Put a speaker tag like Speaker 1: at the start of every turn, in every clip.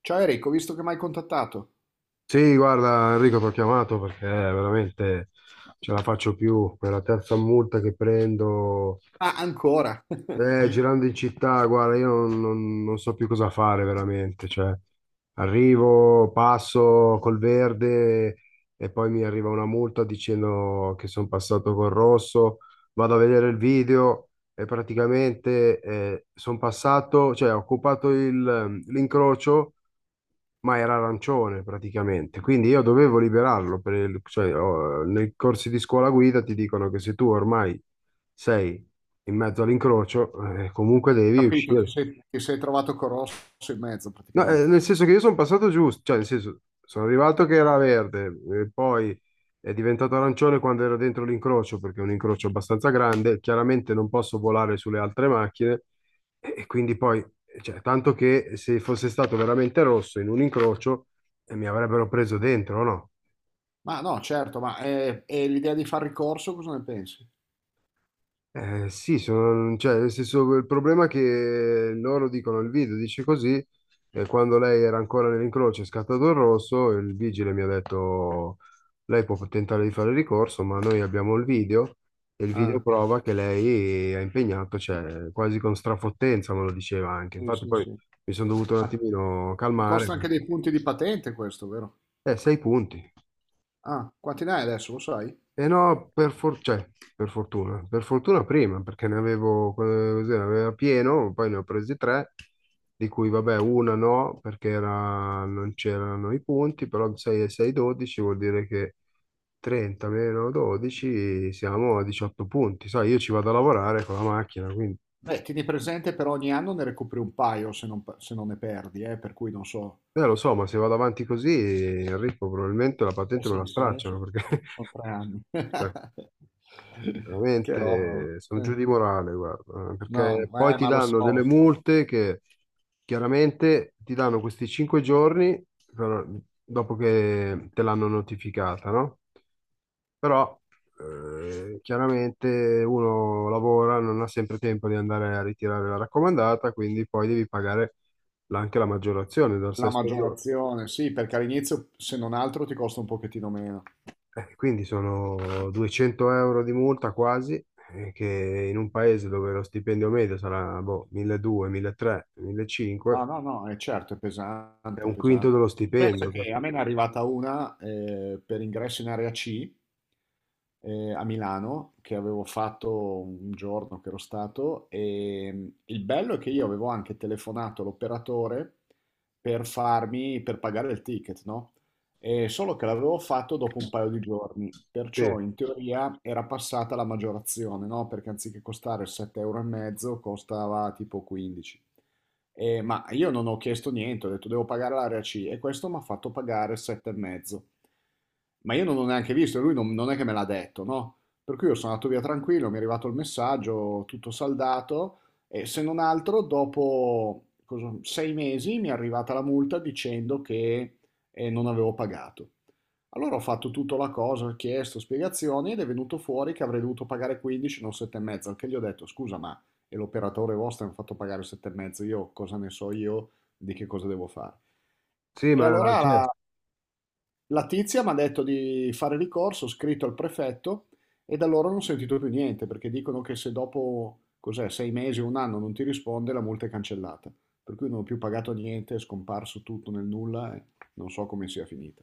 Speaker 1: Ciao Enrico, ho visto che mi hai contattato.
Speaker 2: Sì, guarda Enrico, ti ho chiamato perché veramente ce la faccio più. Per la terza multa che prendo,
Speaker 1: Ah, ancora.
Speaker 2: girando in città, guarda, io non so più cosa fare veramente. Cioè, arrivo, passo col verde e poi mi arriva una multa dicendo che sono passato col rosso. Vado a vedere il video e praticamente sono passato, cioè ho occupato l'incrocio, ma era arancione praticamente, quindi io dovevo liberarlo. Cioè, oh, nei corsi di scuola guida ti dicono che se tu ormai sei in mezzo all'incrocio, comunque devi
Speaker 1: Capito, ti
Speaker 2: uscire.
Speaker 1: sei, ti sei trovato con Rosso in mezzo
Speaker 2: No,
Speaker 1: praticamente.
Speaker 2: nel senso che io sono passato giusto, cioè nel senso sono arrivato che era verde, e poi è diventato arancione quando ero dentro l'incrocio, perché è un incrocio abbastanza grande, chiaramente non posso volare sulle altre macchine e quindi poi, cioè, tanto che se fosse stato veramente rosso in un incrocio mi avrebbero preso dentro, no?
Speaker 1: Ma no, certo, e l'idea di fare ricorso, cosa ne pensi?
Speaker 2: Sì, sono, cioè, nel senso, il problema è che loro dicono, il video dice così, e quando lei era ancora nell'incrocio e è scattato il rosso, il vigile mi ha detto: lei può tentare di fare ricorso, ma noi abbiamo il video, e il video
Speaker 1: Ah,
Speaker 2: prova che lei ha impegnato, cioè, quasi con strafottenza me lo diceva anche.
Speaker 1: sì,
Speaker 2: Infatti
Speaker 1: sì,
Speaker 2: poi
Speaker 1: sì.
Speaker 2: mi sono dovuto un
Speaker 1: Ma
Speaker 2: attimino
Speaker 1: ti
Speaker 2: calmare,
Speaker 1: costa anche dei
Speaker 2: perché,
Speaker 1: punti di patente questo, vero?
Speaker 2: sei punti.
Speaker 1: Ah, quanti ne hai adesso, lo sai?
Speaker 2: E no, cioè, per fortuna prima, perché ne avevo, così, ne aveva pieno, poi ne ho presi tre, di cui vabbè una no, perché non c'erano i punti, però 6 e 6, 12 vuol dire che 30 meno 12 siamo a 18 punti, sai, io ci vado a lavorare con la macchina, quindi...
Speaker 1: Beh, tieni presente per ogni anno ne recuperi un paio se non ne perdi, per cui non so.
Speaker 2: Lo so, ma se vado avanti così, Enrico, probabilmente la
Speaker 1: Eh
Speaker 2: patente me
Speaker 1: sì,
Speaker 2: la
Speaker 1: sai,
Speaker 2: stracciano, perché...
Speaker 1: sono 3 anni. Che roba. Oh.
Speaker 2: Veramente sono giù di morale, guarda,
Speaker 1: No,
Speaker 2: perché poi ti
Speaker 1: ma lo
Speaker 2: danno
Speaker 1: so.
Speaker 2: delle multe che chiaramente ti danno questi 5 giorni, però, dopo che te l'hanno notificata, no? Però chiaramente uno lavora, non ha sempre tempo di andare a ritirare la raccomandata, quindi poi devi pagare anche la maggiorazione dal
Speaker 1: La
Speaker 2: sesto giorno.
Speaker 1: maggiorazione, sì, perché all'inizio se non altro ti costa un pochettino meno.
Speaker 2: Quindi sono 200 € di multa quasi, che in un paese dove lo stipendio medio sarà boh, 1.200, 1.300,
Speaker 1: No,
Speaker 2: 1.500,
Speaker 1: no, no, è certo, è
Speaker 2: è
Speaker 1: pesante, è
Speaker 2: un quinto
Speaker 1: pesante.
Speaker 2: dello
Speaker 1: Penso
Speaker 2: stipendio.
Speaker 1: che a me ne è arrivata una per ingresso in area C a Milano, che avevo fatto un giorno che ero stato, il bello è che io avevo anche telefonato l'operatore per pagare il ticket, no? E solo che l'avevo fatto dopo un paio di giorni,
Speaker 2: Sì,
Speaker 1: perciò in teoria era passata la maggiorazione, no? Perché anziché costare 7,5 euro e mezzo costava tipo 15. Ma io non ho chiesto niente, ho detto devo pagare l'area C e questo mi ha fatto pagare 7,5. Ma io non l'ho neanche visto, e lui non è che me l'ha detto, no? Per cui io sono andato via tranquillo, mi è arrivato il messaggio, tutto saldato e se non altro dopo 6 mesi mi è arrivata la multa dicendo che non avevo pagato. Allora ho fatto tutta la cosa, ho chiesto spiegazioni ed è venuto fuori che avrei dovuto pagare 15, non 7,5, al che gli ho detto scusa e l'operatore vostro mi ha fatto pagare 7,5, io cosa ne so io di che cosa devo fare.
Speaker 2: sì,
Speaker 1: E
Speaker 2: ma
Speaker 1: allora
Speaker 2: cioè,
Speaker 1: la tizia mi ha detto di fare ricorso, ho scritto al prefetto e da loro non ho sentito più niente perché dicono che se dopo cos'è, 6 mesi o un anno non ti risponde la multa è cancellata. Per cui non ho più pagato niente, è scomparso tutto nel nulla e non so come sia finita.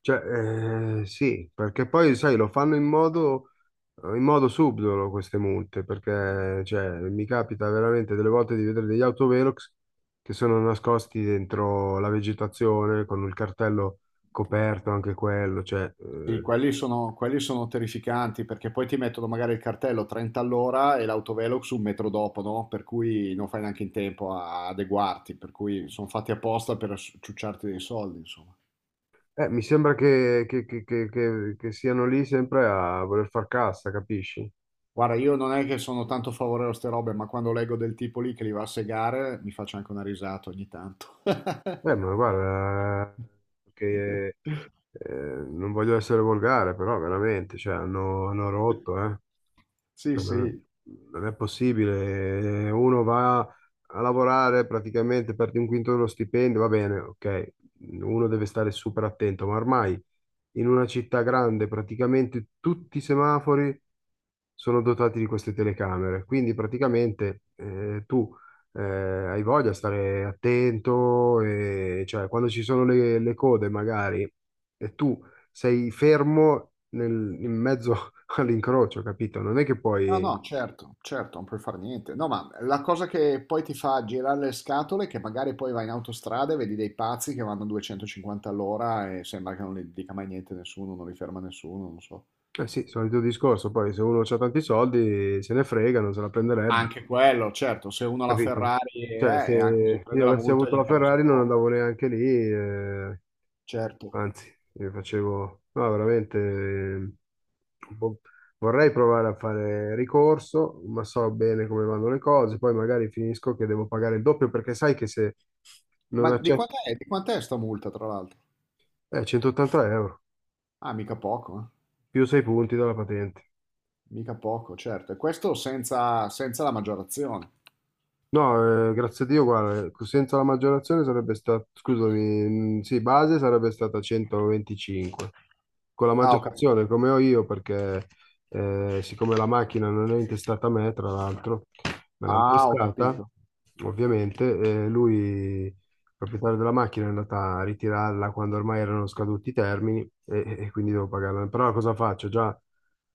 Speaker 2: sì, perché poi sai, lo fanno in modo subdolo queste multe, perché cioè, mi capita veramente delle volte di vedere degli autovelox che sono nascosti dentro la vegetazione con il cartello coperto anche quello, cioè...
Speaker 1: Sì,
Speaker 2: eh.
Speaker 1: quelli sono terrificanti perché poi ti mettono magari il cartello 30 all'ora e l'autovelox un metro dopo, no? Per cui non fai neanche in tempo a adeguarti, per cui sono fatti apposta per ciucciarti dei soldi, insomma.
Speaker 2: Mi sembra che, che siano lì sempre a voler far cassa, capisci?
Speaker 1: Guarda, io non è che sono tanto favorevole a queste robe, ma quando leggo del tipo lì che li va a segare, mi faccio anche una risata ogni tanto.
Speaker 2: Ma guarda, che eh, non voglio essere volgare, però veramente, cioè, hanno rotto, eh.
Speaker 1: Sì,
Speaker 2: Cioè,
Speaker 1: sì.
Speaker 2: non è possibile. Uno va a lavorare praticamente per un quinto dello stipendio, va bene, ok. Uno deve stare super attento, ma ormai in una città grande praticamente tutti i semafori sono dotati di queste telecamere. Quindi praticamente tu hai voglia di stare attento, e, cioè quando ci sono le code magari e tu sei fermo in mezzo all'incrocio, capito? Non è che
Speaker 1: No,
Speaker 2: poi...
Speaker 1: no, certo, certo, non puoi fare niente. No, ma la cosa che poi ti fa girare le scatole è che magari poi vai in autostrada e vedi dei pazzi che vanno a 250 all'ora e sembra che non li dica mai niente nessuno, non li ferma nessuno, non so.
Speaker 2: Eh sì, solito discorso, poi se uno ha tanti soldi se ne frega, non se la prenderebbe,
Speaker 1: Anche quello, certo, se uno ha la
Speaker 2: capito?
Speaker 1: Ferrari
Speaker 2: Cioè,
Speaker 1: e anche se
Speaker 2: se
Speaker 1: prende
Speaker 2: io
Speaker 1: la
Speaker 2: avessi
Speaker 1: multa gli
Speaker 2: avuto la
Speaker 1: interessa un
Speaker 2: Ferrari non
Speaker 1: po',
Speaker 2: andavo neanche lì,
Speaker 1: certo.
Speaker 2: anzi, io facevo, no, veramente, un po'- vorrei provare a fare ricorso, ma so bene come vanno le cose, poi magari finisco che devo pagare il doppio perché sai che se
Speaker 1: Ma
Speaker 2: non
Speaker 1: di
Speaker 2: accetto,
Speaker 1: quant'è, di quant'è sta multa, tra l'altro?
Speaker 2: 180 euro,
Speaker 1: Ah, mica poco, eh.
Speaker 2: più 6 punti dalla patente.
Speaker 1: Mica poco, certo. E questo senza, senza la maggiorazione.
Speaker 2: No, grazie a Dio, guarda, senza la maggiorazione sarebbe stata, scusami, sì, base sarebbe stata 125. Con la
Speaker 1: Ah, ho
Speaker 2: maggiorazione,
Speaker 1: capito.
Speaker 2: come ho io, perché siccome la macchina non è intestata a me, tra l'altro, me l'hanno
Speaker 1: Ah, ho
Speaker 2: prestata,
Speaker 1: capito.
Speaker 2: ovviamente, lui, il proprietario della macchina, è andato a ritirarla quando ormai erano scaduti i termini e quindi devo pagarla. Però cosa faccio? Già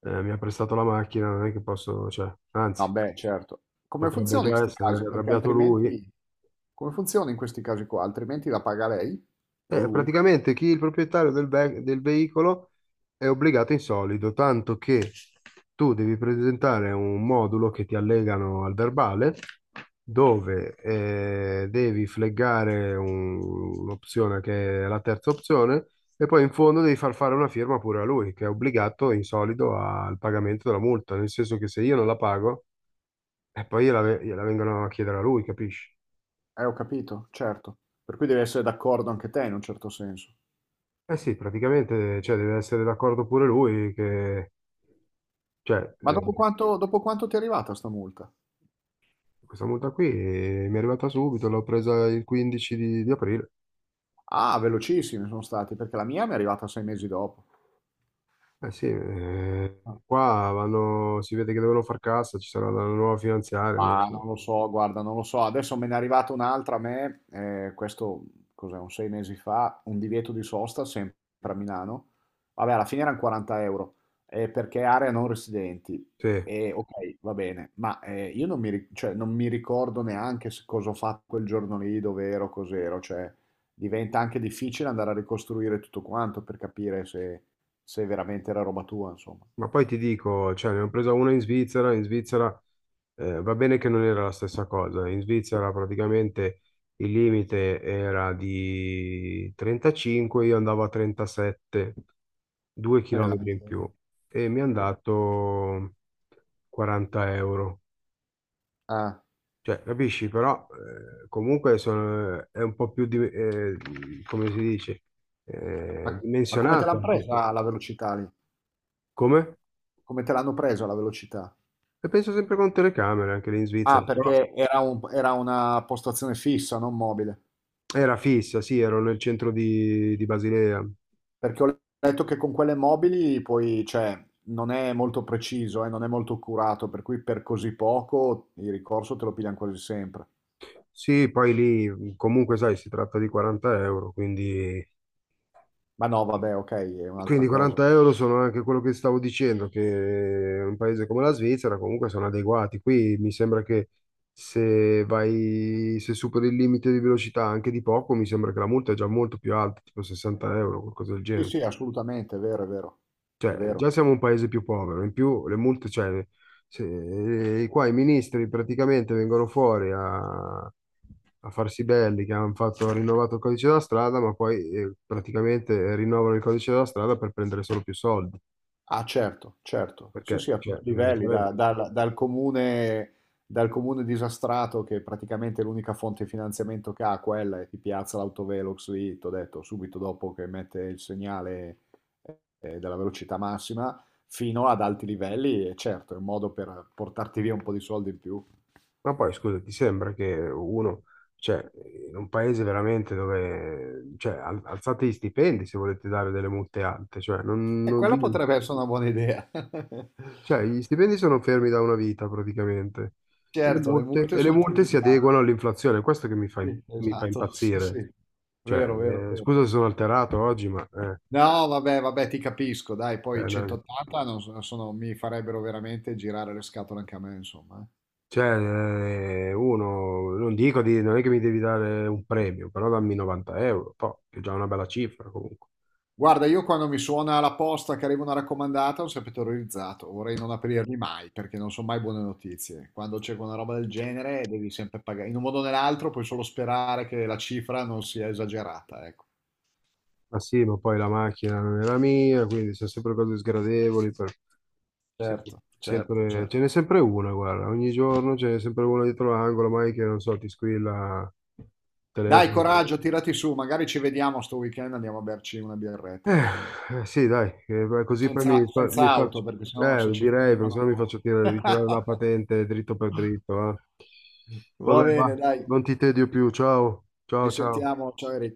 Speaker 2: mi ha prestato la macchina, non è che posso, cioè,
Speaker 1: No,
Speaker 2: anzi
Speaker 1: beh, certo. Come
Speaker 2: potrebbe
Speaker 1: funziona in
Speaker 2: già
Speaker 1: 'sti
Speaker 2: essere
Speaker 1: casi? Perché
Speaker 2: arrabbiato lui.
Speaker 1: altrimenti come funziona in questi casi qua? Altrimenti la paga lei o lui?
Speaker 2: Praticamente chi è il proprietario del veicolo è obbligato in solido, tanto che tu devi presentare un modulo che ti allegano al verbale, dove devi fleggare un'opzione che è la terza opzione, e poi in fondo devi far fare una firma pure a lui, che è obbligato in solido al pagamento della multa, nel senso che se io non la pago, e poi gliela vengono a chiedere a lui, capisci?
Speaker 1: Ho capito, certo. Per cui devi essere d'accordo anche te in un certo senso.
Speaker 2: Eh sì, praticamente, cioè, deve essere d'accordo pure lui che, cioè,
Speaker 1: Ma dopo quanto, dopo quanto ti è arrivata sta multa?
Speaker 2: questa multa qui mi è arrivata subito, l'ho presa il 15 di aprile.
Speaker 1: Ah, velocissimi sono stati, perché la mia mi è arrivata 6 mesi dopo.
Speaker 2: Eh sì, qua vanno, si vede che devono far cassa, ci sarà la nuova finanziaria, non lo
Speaker 1: Ma
Speaker 2: so.
Speaker 1: non lo so, guarda, non lo so. Adesso me ne è arrivata un'altra a me, questo cos'è, un 6 mesi fa, un divieto di sosta sempre a Milano. Vabbè, alla fine erano 40 euro, perché è area non residenti.
Speaker 2: Sì.
Speaker 1: E ok, va bene, io non mi, ri- cioè, non mi ricordo neanche cosa ho fatto quel giorno lì, dove ero, cos'ero. Cioè, diventa anche difficile andare a ricostruire tutto quanto per capire se, se veramente era roba tua, insomma.
Speaker 2: Ma poi ti dico, cioè, ne ho presa una in Svizzera va bene che non era la stessa cosa, in Svizzera praticamente il limite era di 35, io andavo a 37, 2
Speaker 1: È la
Speaker 2: chilometri in più
Speaker 1: miseria.
Speaker 2: e mi hanno dato 40 euro.
Speaker 1: Ah.
Speaker 2: Cioè, capisci, però comunque è un po' più, come si dice,
Speaker 1: Ma, ma come te
Speaker 2: dimensionata.
Speaker 1: l'hanno presa la velocità lì?
Speaker 2: Come?
Speaker 1: Come te l'hanno presa la velocità?
Speaker 2: E penso sempre con telecamere anche lì in
Speaker 1: Ah,
Speaker 2: Svizzera, però
Speaker 1: perché era, era una postazione fissa, non mobile.
Speaker 2: era fissa, sì, ero nel centro di Basilea.
Speaker 1: Perché ho letto che con quelle mobili poi, cioè, non è molto preciso, non è molto accurato, per cui per così poco il ricorso te lo pigliano quasi sempre.
Speaker 2: Sì, poi lì comunque, sai, si tratta di 40 euro, quindi,
Speaker 1: Ma no, vabbè, ok, è un'altra cosa.
Speaker 2: 40 € sono anche quello che stavo dicendo, che in un paese come la Svizzera comunque sono adeguati. Qui mi sembra che se superi il limite di velocità anche di poco, mi sembra che la multa è già molto più alta, tipo 60 euro, qualcosa del
Speaker 1: Sì,
Speaker 2: genere.
Speaker 1: sì, assolutamente, è vero, è vero, è
Speaker 2: Cioè,
Speaker 1: vero.
Speaker 2: già siamo un paese più povero, in più le multe, cioè, qua i ministri praticamente vengono fuori a farsi belli che hanno fatto, rinnovato il codice della strada, ma poi praticamente rinnovano il codice della strada per prendere solo più soldi.
Speaker 1: Ah, certo, certo. Sì, sì,
Speaker 2: Perché,
Speaker 1: a
Speaker 2: cioè,
Speaker 1: tutti i livelli,
Speaker 2: sarebbe...
Speaker 1: dal comune disastrato che praticamente l'unica fonte di finanziamento che ha quella e ti piazza l'autovelox lì, t'ho detto, subito dopo che mette il segnale della velocità massima, fino ad alti livelli, e certo, è un modo per portarti via un po' di soldi in più.
Speaker 2: Ma poi, scusa, ti sembra che uno, cioè, in un paese veramente dove, cioè, alzate gli stipendi se volete dare delle multe alte, cioè, non,
Speaker 1: E
Speaker 2: non-
Speaker 1: quella potrebbe essere una buona idea.
Speaker 2: Cioè, gli stipendi sono fermi da una vita praticamente
Speaker 1: Certo, le multe
Speaker 2: e le
Speaker 1: sono
Speaker 2: multe si
Speaker 1: triplicate.
Speaker 2: adeguano all'inflazione, questo che
Speaker 1: Sì,
Speaker 2: mi fa
Speaker 1: esatto, sì,
Speaker 2: impazzire.
Speaker 1: sì. Vero, vero,
Speaker 2: Cioè, scusa
Speaker 1: vero.
Speaker 2: se sono alterato oggi, ma
Speaker 1: No, vabbè, vabbè, ti capisco, dai, poi
Speaker 2: no.
Speaker 1: 180 non so- sono- mi farebbero veramente girare le scatole anche a me, insomma.
Speaker 2: Cioè, uno, non dico di, non è che mi devi dare un premio, però dammi 90 euro, toh, che è già una bella cifra comunque.
Speaker 1: Guarda, io quando mi suona la posta che arriva una raccomandata, sono sempre terrorizzato, vorrei non aprirli mai, perché non sono mai buone notizie. Quando c'è una roba del genere devi sempre pagare, in un modo o nell'altro puoi solo sperare che la cifra non sia esagerata, ecco.
Speaker 2: Ma sì, ma poi la macchina non è la mia, quindi sono sempre cose sgradevoli.
Speaker 1: Certo, certo,
Speaker 2: Ce
Speaker 1: certo.
Speaker 2: n'è sempre una, guarda, ogni giorno ce n'è sempre una dietro l'angolo, mai che non so, ti squilla il
Speaker 1: Dai,
Speaker 2: telefono.
Speaker 1: coraggio, tirati su, magari ci vediamo sto weekend, andiamo a berci una
Speaker 2: Eh,
Speaker 1: birretta così.
Speaker 2: eh, sì, dai, beh, così poi
Speaker 1: Senza, senza
Speaker 2: mi
Speaker 1: auto,
Speaker 2: faccio,
Speaker 1: perché sennò se ci
Speaker 2: direi, perché
Speaker 1: fermano.
Speaker 2: sennò mi faccio ritirare la patente dritto per dritto, eh.
Speaker 1: Va
Speaker 2: Vabbè, va,
Speaker 1: bene, dai,
Speaker 2: non ti tedio più, ciao,
Speaker 1: ci
Speaker 2: ciao, ciao.
Speaker 1: sentiamo. Ciao Eric.